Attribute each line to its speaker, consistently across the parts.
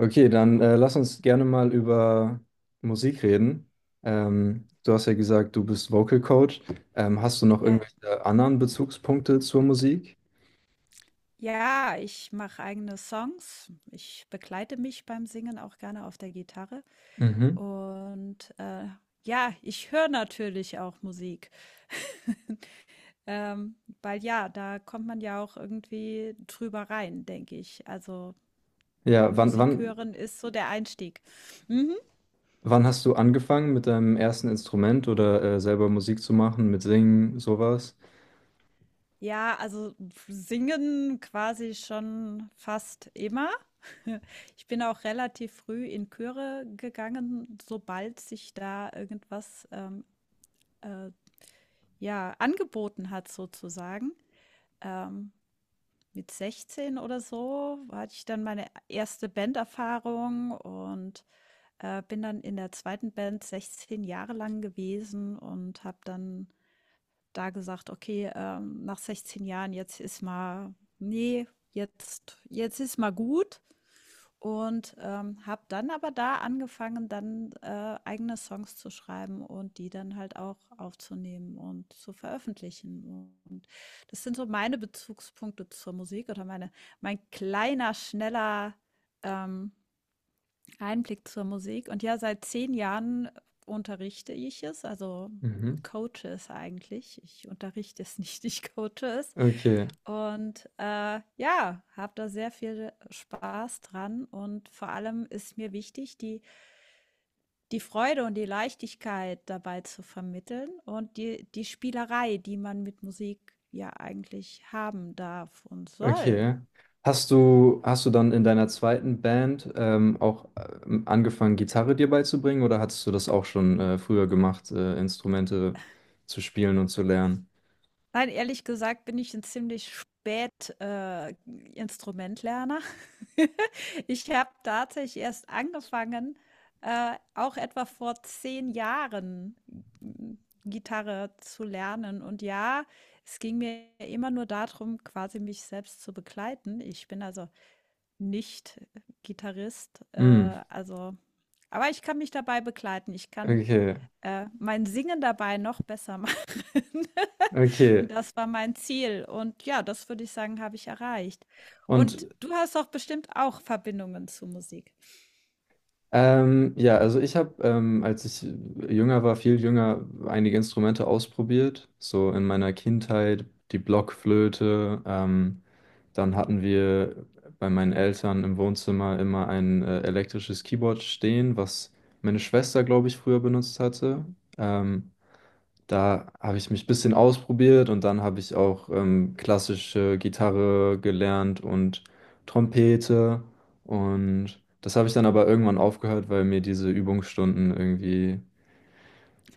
Speaker 1: Okay, dann lass uns gerne mal über Musik reden. Du hast ja gesagt, du bist Vocal Coach. Hast du noch
Speaker 2: Ja,
Speaker 1: irgendwelche anderen Bezugspunkte zur Musik?
Speaker 2: ja, ich mache eigene Songs. Ich begleite mich beim Singen auch gerne auf der Gitarre.
Speaker 1: Mhm.
Speaker 2: Und ja, ich höre natürlich auch Musik. Ähm, Weil ja, da kommt man ja auch irgendwie drüber rein, denke ich. Also
Speaker 1: Ja,
Speaker 2: Musik hören ist so der Einstieg. Mhm.
Speaker 1: wann hast du angefangen mit deinem ersten Instrument oder selber Musik zu machen, mit Singen, sowas?
Speaker 2: Ja, also singen quasi schon fast immer. Ich bin auch relativ früh in Chöre gegangen, sobald sich da irgendwas äh, ja, angeboten hat, sozusagen. Ähm, mit 16 oder so hatte ich dann meine erste Banderfahrung und bin dann in der zweiten Band 16 Jahre lang gewesen und habe dann da gesagt, okay, nach 16 Jahren, jetzt ist mal, nee, jetzt ist mal gut. Und habe dann aber da angefangen, dann eigene Songs zu schreiben und die dann halt auch aufzunehmen und zu veröffentlichen. Und das sind so meine Bezugspunkte zur Musik oder mein kleiner, schneller ähm, Einblick zur Musik. Und ja, seit 10 Jahren unterrichte ich es, also
Speaker 1: Mhm.
Speaker 2: coache es eigentlich. Ich unterrichte es nicht, ich coache es.
Speaker 1: Okay.
Speaker 2: Ja, habe da sehr viel Spaß dran und vor allem ist mir wichtig, die Freude und die Leichtigkeit dabei zu vermitteln und die Spielerei, die man mit Musik ja eigentlich haben darf und soll.
Speaker 1: Okay. Hast du dann in deiner zweiten Band auch angefangen, Gitarre dir beizubringen oder hattest du das auch schon früher gemacht, Instrumente zu spielen und zu lernen?
Speaker 2: Nein, ehrlich gesagt bin ich ein ziemlich spät Instrumentlerner. Ich habe tatsächlich erst angefangen, auch etwa vor 10 Jahren mm, Gitarre zu lernen. Und ja, es ging mir immer nur darum, quasi mich selbst zu begleiten. Ich bin also nicht Gitarrist,
Speaker 1: Hm,
Speaker 2: also aber ich kann mich dabei begleiten. Ich kann,
Speaker 1: okay,
Speaker 2: mein Singen dabei noch besser machen.
Speaker 1: okay.
Speaker 2: Und das war mein Ziel und ja, das würde ich sagen, habe ich erreicht.
Speaker 1: Und
Speaker 2: Und du hast doch bestimmt auch Verbindungen zu Musik.
Speaker 1: ja, also ich habe als ich jünger war, viel jünger, einige Instrumente ausprobiert, so in meiner Kindheit, die Blockflöte. Ähm, dann hatten wir bei meinen Eltern im Wohnzimmer immer ein elektrisches Keyboard stehen, was meine Schwester, glaube ich, früher benutzt hatte. Ähm, da habe ich mich ein bisschen ausprobiert und dann habe ich auch klassische Gitarre gelernt und Trompete. Und das habe ich dann aber irgendwann aufgehört, weil mir diese Übungsstunden irgendwie,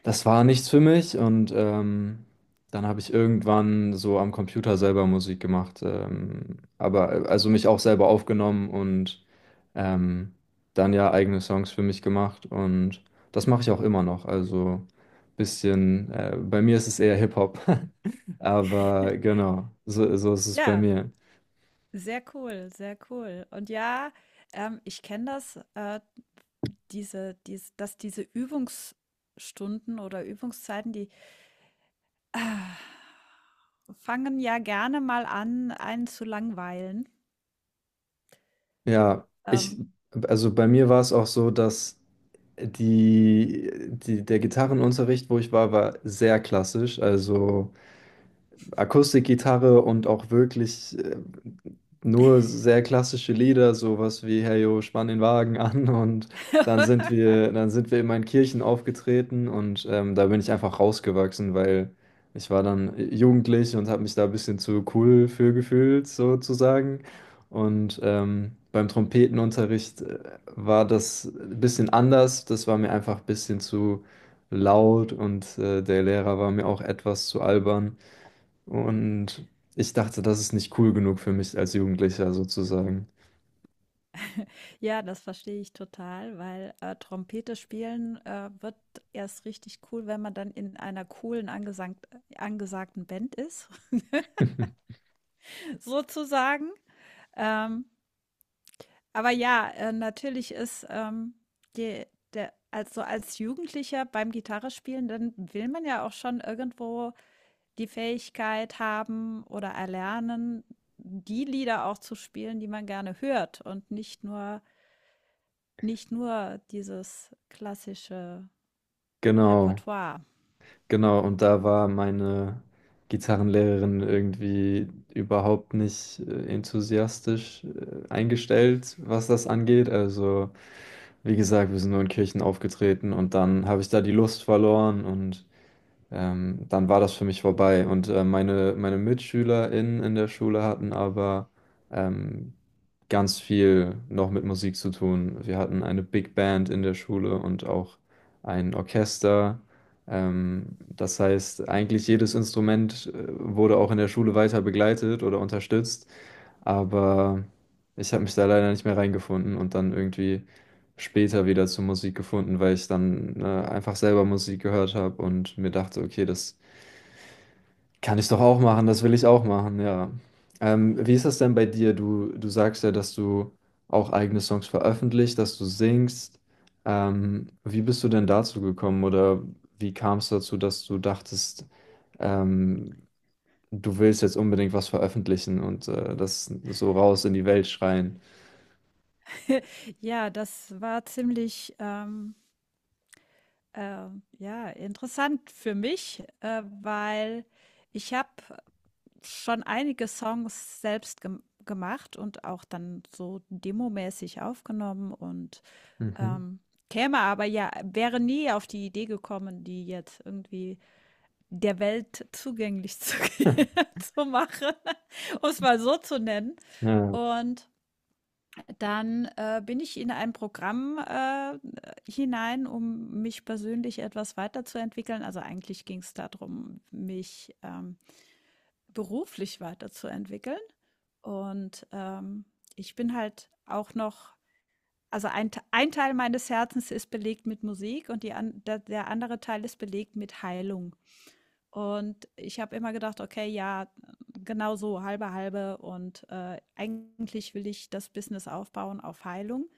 Speaker 1: das war nichts für mich. Und dann habe ich irgendwann so am Computer selber Musik gemacht, aber also mich auch selber aufgenommen und ähm, dann ja eigene Songs für mich gemacht, und das mache ich auch immer noch. Also bisschen, bei mir ist es eher Hip-Hop, aber genau, so, so ist es bei
Speaker 2: Ja,
Speaker 1: mir.
Speaker 2: sehr cool, sehr cool. Und ja, ich kenne das, dass diese Übungsstunden oder Übungszeiten, ah, fangen ja gerne mal an, einen zu langweilen.
Speaker 1: Ja, ich,
Speaker 2: Ähm,
Speaker 1: also bei mir war es auch so, dass der Gitarrenunterricht, wo ich war, war sehr klassisch, also Akustikgitarre und auch wirklich nur sehr klassische Lieder, sowas wie Hey yo, spann den Wagen an, und dann sind wir immer in Kirchen aufgetreten. Und da bin ich einfach rausgewachsen, weil ich war dann jugendlich und habe mich da ein bisschen zu cool für gefühlt, sozusagen. Und beim Trompetenunterricht war das ein bisschen anders, das war mir einfach ein bisschen zu laut und der Lehrer war mir auch etwas zu albern. Und ich dachte, das ist nicht cool genug für mich als Jugendlicher, sozusagen.
Speaker 2: Ja, das verstehe ich total, weil, Trompete spielen, wird erst richtig cool, wenn man dann in einer coolen angesangt angesagten Band ist, sozusagen. Ähm, aber ja, natürlich ist, die der also als Jugendlicher beim Gitarrespielen, dann will man ja auch schon irgendwo die Fähigkeit haben oder erlernen, die Lieder auch zu spielen, die man gerne hört und nicht nur dieses klassische
Speaker 1: Genau,
Speaker 2: Repertoire.
Speaker 1: genau. Und da war meine Gitarrenlehrerin irgendwie überhaupt nicht enthusiastisch eingestellt, was das angeht. Also, wie gesagt, wir sind nur in Kirchen aufgetreten, und dann habe ich da die Lust verloren, und dann war das für mich vorbei. Und meine MitschülerInnen in der Schule hatten aber ähm, ganz viel noch mit Musik zu tun. Wir hatten eine Big Band in der Schule und auch ein Orchester. Das heißt, eigentlich jedes Instrument wurde auch in der Schule weiter begleitet oder unterstützt. Aber ich habe mich da leider nicht mehr reingefunden und dann irgendwie später wieder zur Musik gefunden, weil ich dann einfach selber Musik gehört habe und mir dachte, okay, das kann ich doch auch machen, das will ich auch machen, ja. Wie ist das denn bei dir? Du sagst ja, dass du auch eigene Songs veröffentlicht, dass du singst. Wie bist du denn dazu gekommen, oder wie kam es dazu, dass du dachtest, ähm, du willst jetzt unbedingt was veröffentlichen und das so raus in die Welt schreien.
Speaker 2: Ja, das war ziemlich, äh, ja, interessant für mich, weil ich habe schon einige Songs selbst gemacht und auch dann so demomäßig aufgenommen und
Speaker 1: Mhm.
Speaker 2: ähm, käme aber ja, wäre nie auf die Idee gekommen, die jetzt irgendwie der Welt zugänglich zu, zu machen, um es mal so zu nennen.
Speaker 1: Hm. Ja.
Speaker 2: Und Dann bin ich in ein Programm, hinein, um mich persönlich etwas weiterzuentwickeln. Also eigentlich ging es darum, mich beruflich weiterzuentwickeln. Und ich bin halt auch noch also ein Teil meines Herzens ist belegt mit Musik und die an der der andere Teil ist belegt mit Heilung. Und ich habe immer gedacht: „Okay, ja, genau so, halbe halbe und eigentlich will ich das Business aufbauen auf Heilung.“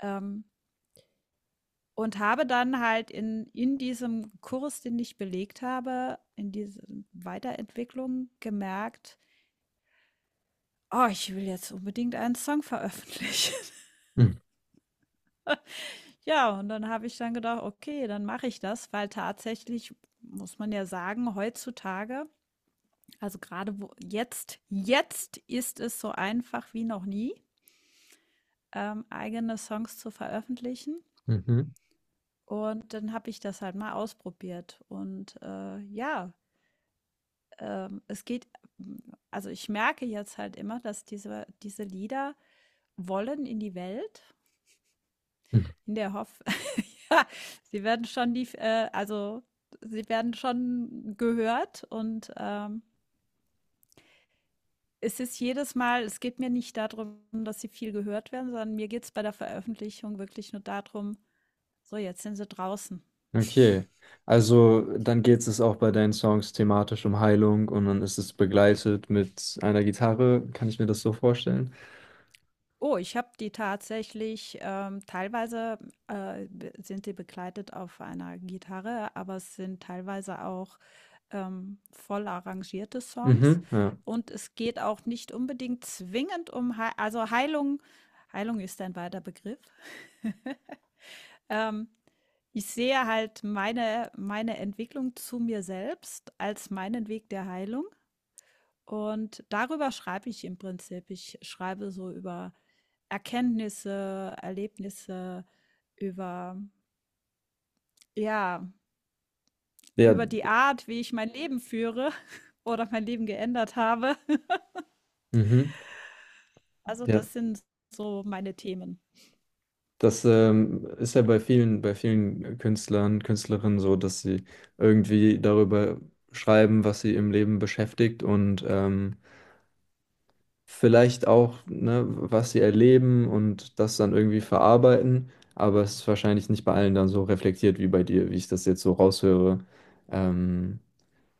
Speaker 2: ähm, und habe dann halt in diesem Kurs, den ich belegt habe, in diesem Weiterentwicklung gemerkt: „Oh, ich will jetzt unbedingt einen Song veröffentlichen.“
Speaker 1: Hm.
Speaker 2: Ja, und dann habe ich dann gedacht: „Okay, dann mache ich das“, weil tatsächlich muss man ja sagen, heutzutage also gerade wo jetzt ist es so einfach wie noch nie, eigene Songs zu veröffentlichen.
Speaker 1: Mhm.
Speaker 2: Und dann habe ich das halt mal ausprobiert und ja, es geht, also ich merke jetzt halt immer, dass diese Lieder wollen in die Welt,
Speaker 1: Hm.
Speaker 2: in der Hoffnung, ja, sie werden schon also sie werden schon gehört und es ist jedes Mal, es geht mir nicht darum, dass sie viel gehört werden, sondern mir geht es bei der Veröffentlichung wirklich nur darum, so jetzt sind sie draußen.
Speaker 1: Okay. Also dann geht es auch bei deinen Songs thematisch um Heilung, und dann ist es begleitet mit einer Gitarre. Kann ich mir das so vorstellen?
Speaker 2: Oh, ich habe die tatsächlich, teilweise, be sind die begleitet auf einer Gitarre, aber es sind teilweise auch, voll arrangierte Songs.
Speaker 1: Mhm. Ja.
Speaker 2: Und es geht auch nicht unbedingt zwingend um Hei also Heilung Heilung ist ein weiter Begriff. Ähm, Ich sehe halt meine Entwicklung zu mir selbst als meinen Weg der Heilung und darüber schreibe ich im Prinzip. Ich schreibe so über Erkenntnisse, Erlebnisse über ja,
Speaker 1: Ja.
Speaker 2: über die Art, wie ich mein Leben führe oder mein Leben geändert habe.
Speaker 1: Mhm.
Speaker 2: Also,
Speaker 1: Ja.
Speaker 2: das sind so meine Themen.
Speaker 1: Das ist ja bei vielen Künstlern, Künstlerinnen so, dass sie irgendwie darüber schreiben, was sie im Leben beschäftigt, und vielleicht auch, ne, was sie erleben und das dann irgendwie verarbeiten, aber es ist wahrscheinlich nicht bei allen dann so reflektiert wie bei dir, wie ich das jetzt so raushöre. Ähm,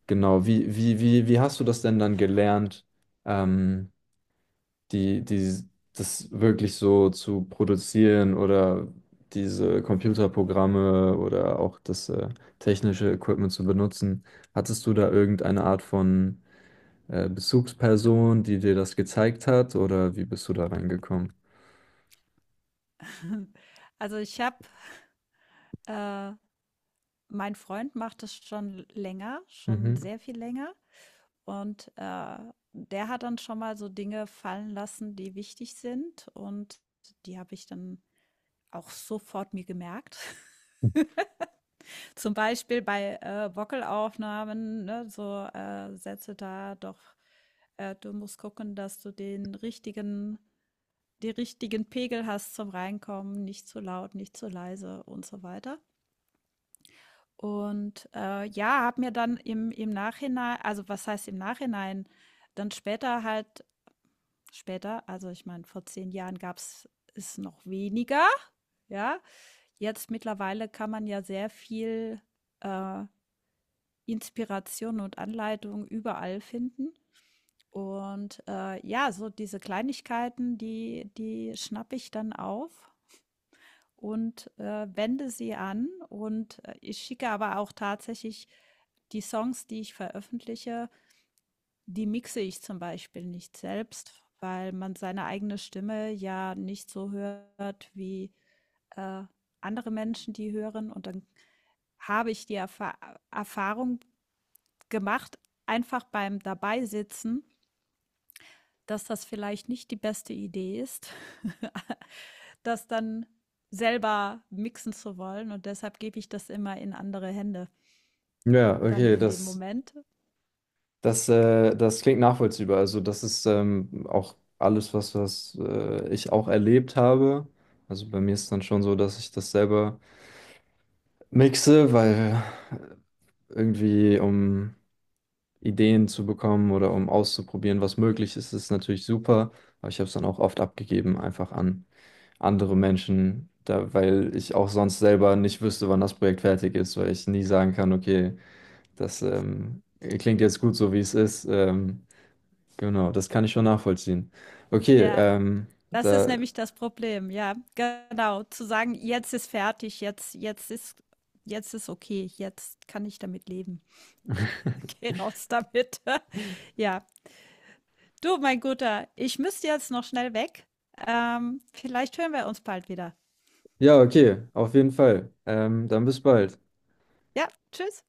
Speaker 1: genau, wie hast du das denn dann gelernt, ähm, die, die, das wirklich so zu produzieren oder diese Computerprogramme oder auch das technische Equipment zu benutzen? Hattest du da irgendeine Art von Bezugsperson, die dir das gezeigt hat, oder wie bist du da reingekommen?
Speaker 2: Also, ich habe äh, mein Freund macht das schon länger, schon
Speaker 1: Mhm.
Speaker 2: sehr viel länger. Und der hat dann schon mal so Dinge fallen lassen, die wichtig sind. Und die habe ich dann auch sofort mir gemerkt. Zum Beispiel bei Wackelaufnahmen, ne, so, Sätze da doch, du musst gucken, dass du den richtigen Pegel hast zum Reinkommen, nicht zu laut, nicht zu leise und so weiter. Und ja, habe mir dann im Nachhinein also, was heißt im Nachhinein, dann später halt später, also ich meine, vor 10 Jahren gab's es noch weniger, ja? Jetzt mittlerweile kann man ja sehr viel, äh, Inspiration und Anleitung überall finden. Und ja, so diese Kleinigkeiten, die schnappe ich dann auf und wende sie an. Und ich schicke aber auch tatsächlich die Songs, die ich veröffentliche, die mixe ich zum Beispiel nicht selbst, weil man seine eigene Stimme ja nicht so hört wie, äh, andere Menschen die hören. Und dann habe ich die Erfa Erfahrung gemacht, einfach beim Dabeisitzen, dass das vielleicht nicht die beste Idee ist, das dann selber mixen zu wollen. Und deshalb gebe ich das immer in andere Hände
Speaker 1: Ja,
Speaker 2: dann
Speaker 1: okay,
Speaker 2: in dem
Speaker 1: das,
Speaker 2: Moment.
Speaker 1: das, äh, das klingt nachvollziehbar. Also das ist auch alles, was, was ich auch erlebt habe. Also bei mir ist dann schon so, dass ich das selber mixe, weil irgendwie um Ideen zu bekommen oder um auszuprobieren, was möglich ist, ist natürlich super. Aber ich habe es dann auch oft abgegeben, einfach an andere Menschen, da, weil ich auch sonst selber nicht wüsste, wann das Projekt fertig ist, weil ich nie sagen kann, okay, das klingt jetzt gut so, wie es ist. Genau, das kann ich schon nachvollziehen. Okay,
Speaker 2: Ja, das ist nämlich das Problem. Ja, genau. Zu sagen, jetzt ist fertig, jetzt ist. Jetzt ist okay, jetzt kann ich damit leben. Geh raus damit. Ja, du, mein Guter, ich müsste jetzt noch schnell weg. Vielleicht hören wir uns bald wieder.
Speaker 1: ja, okay, auf jeden Fall. Dann bis bald.
Speaker 2: Ja, tschüss.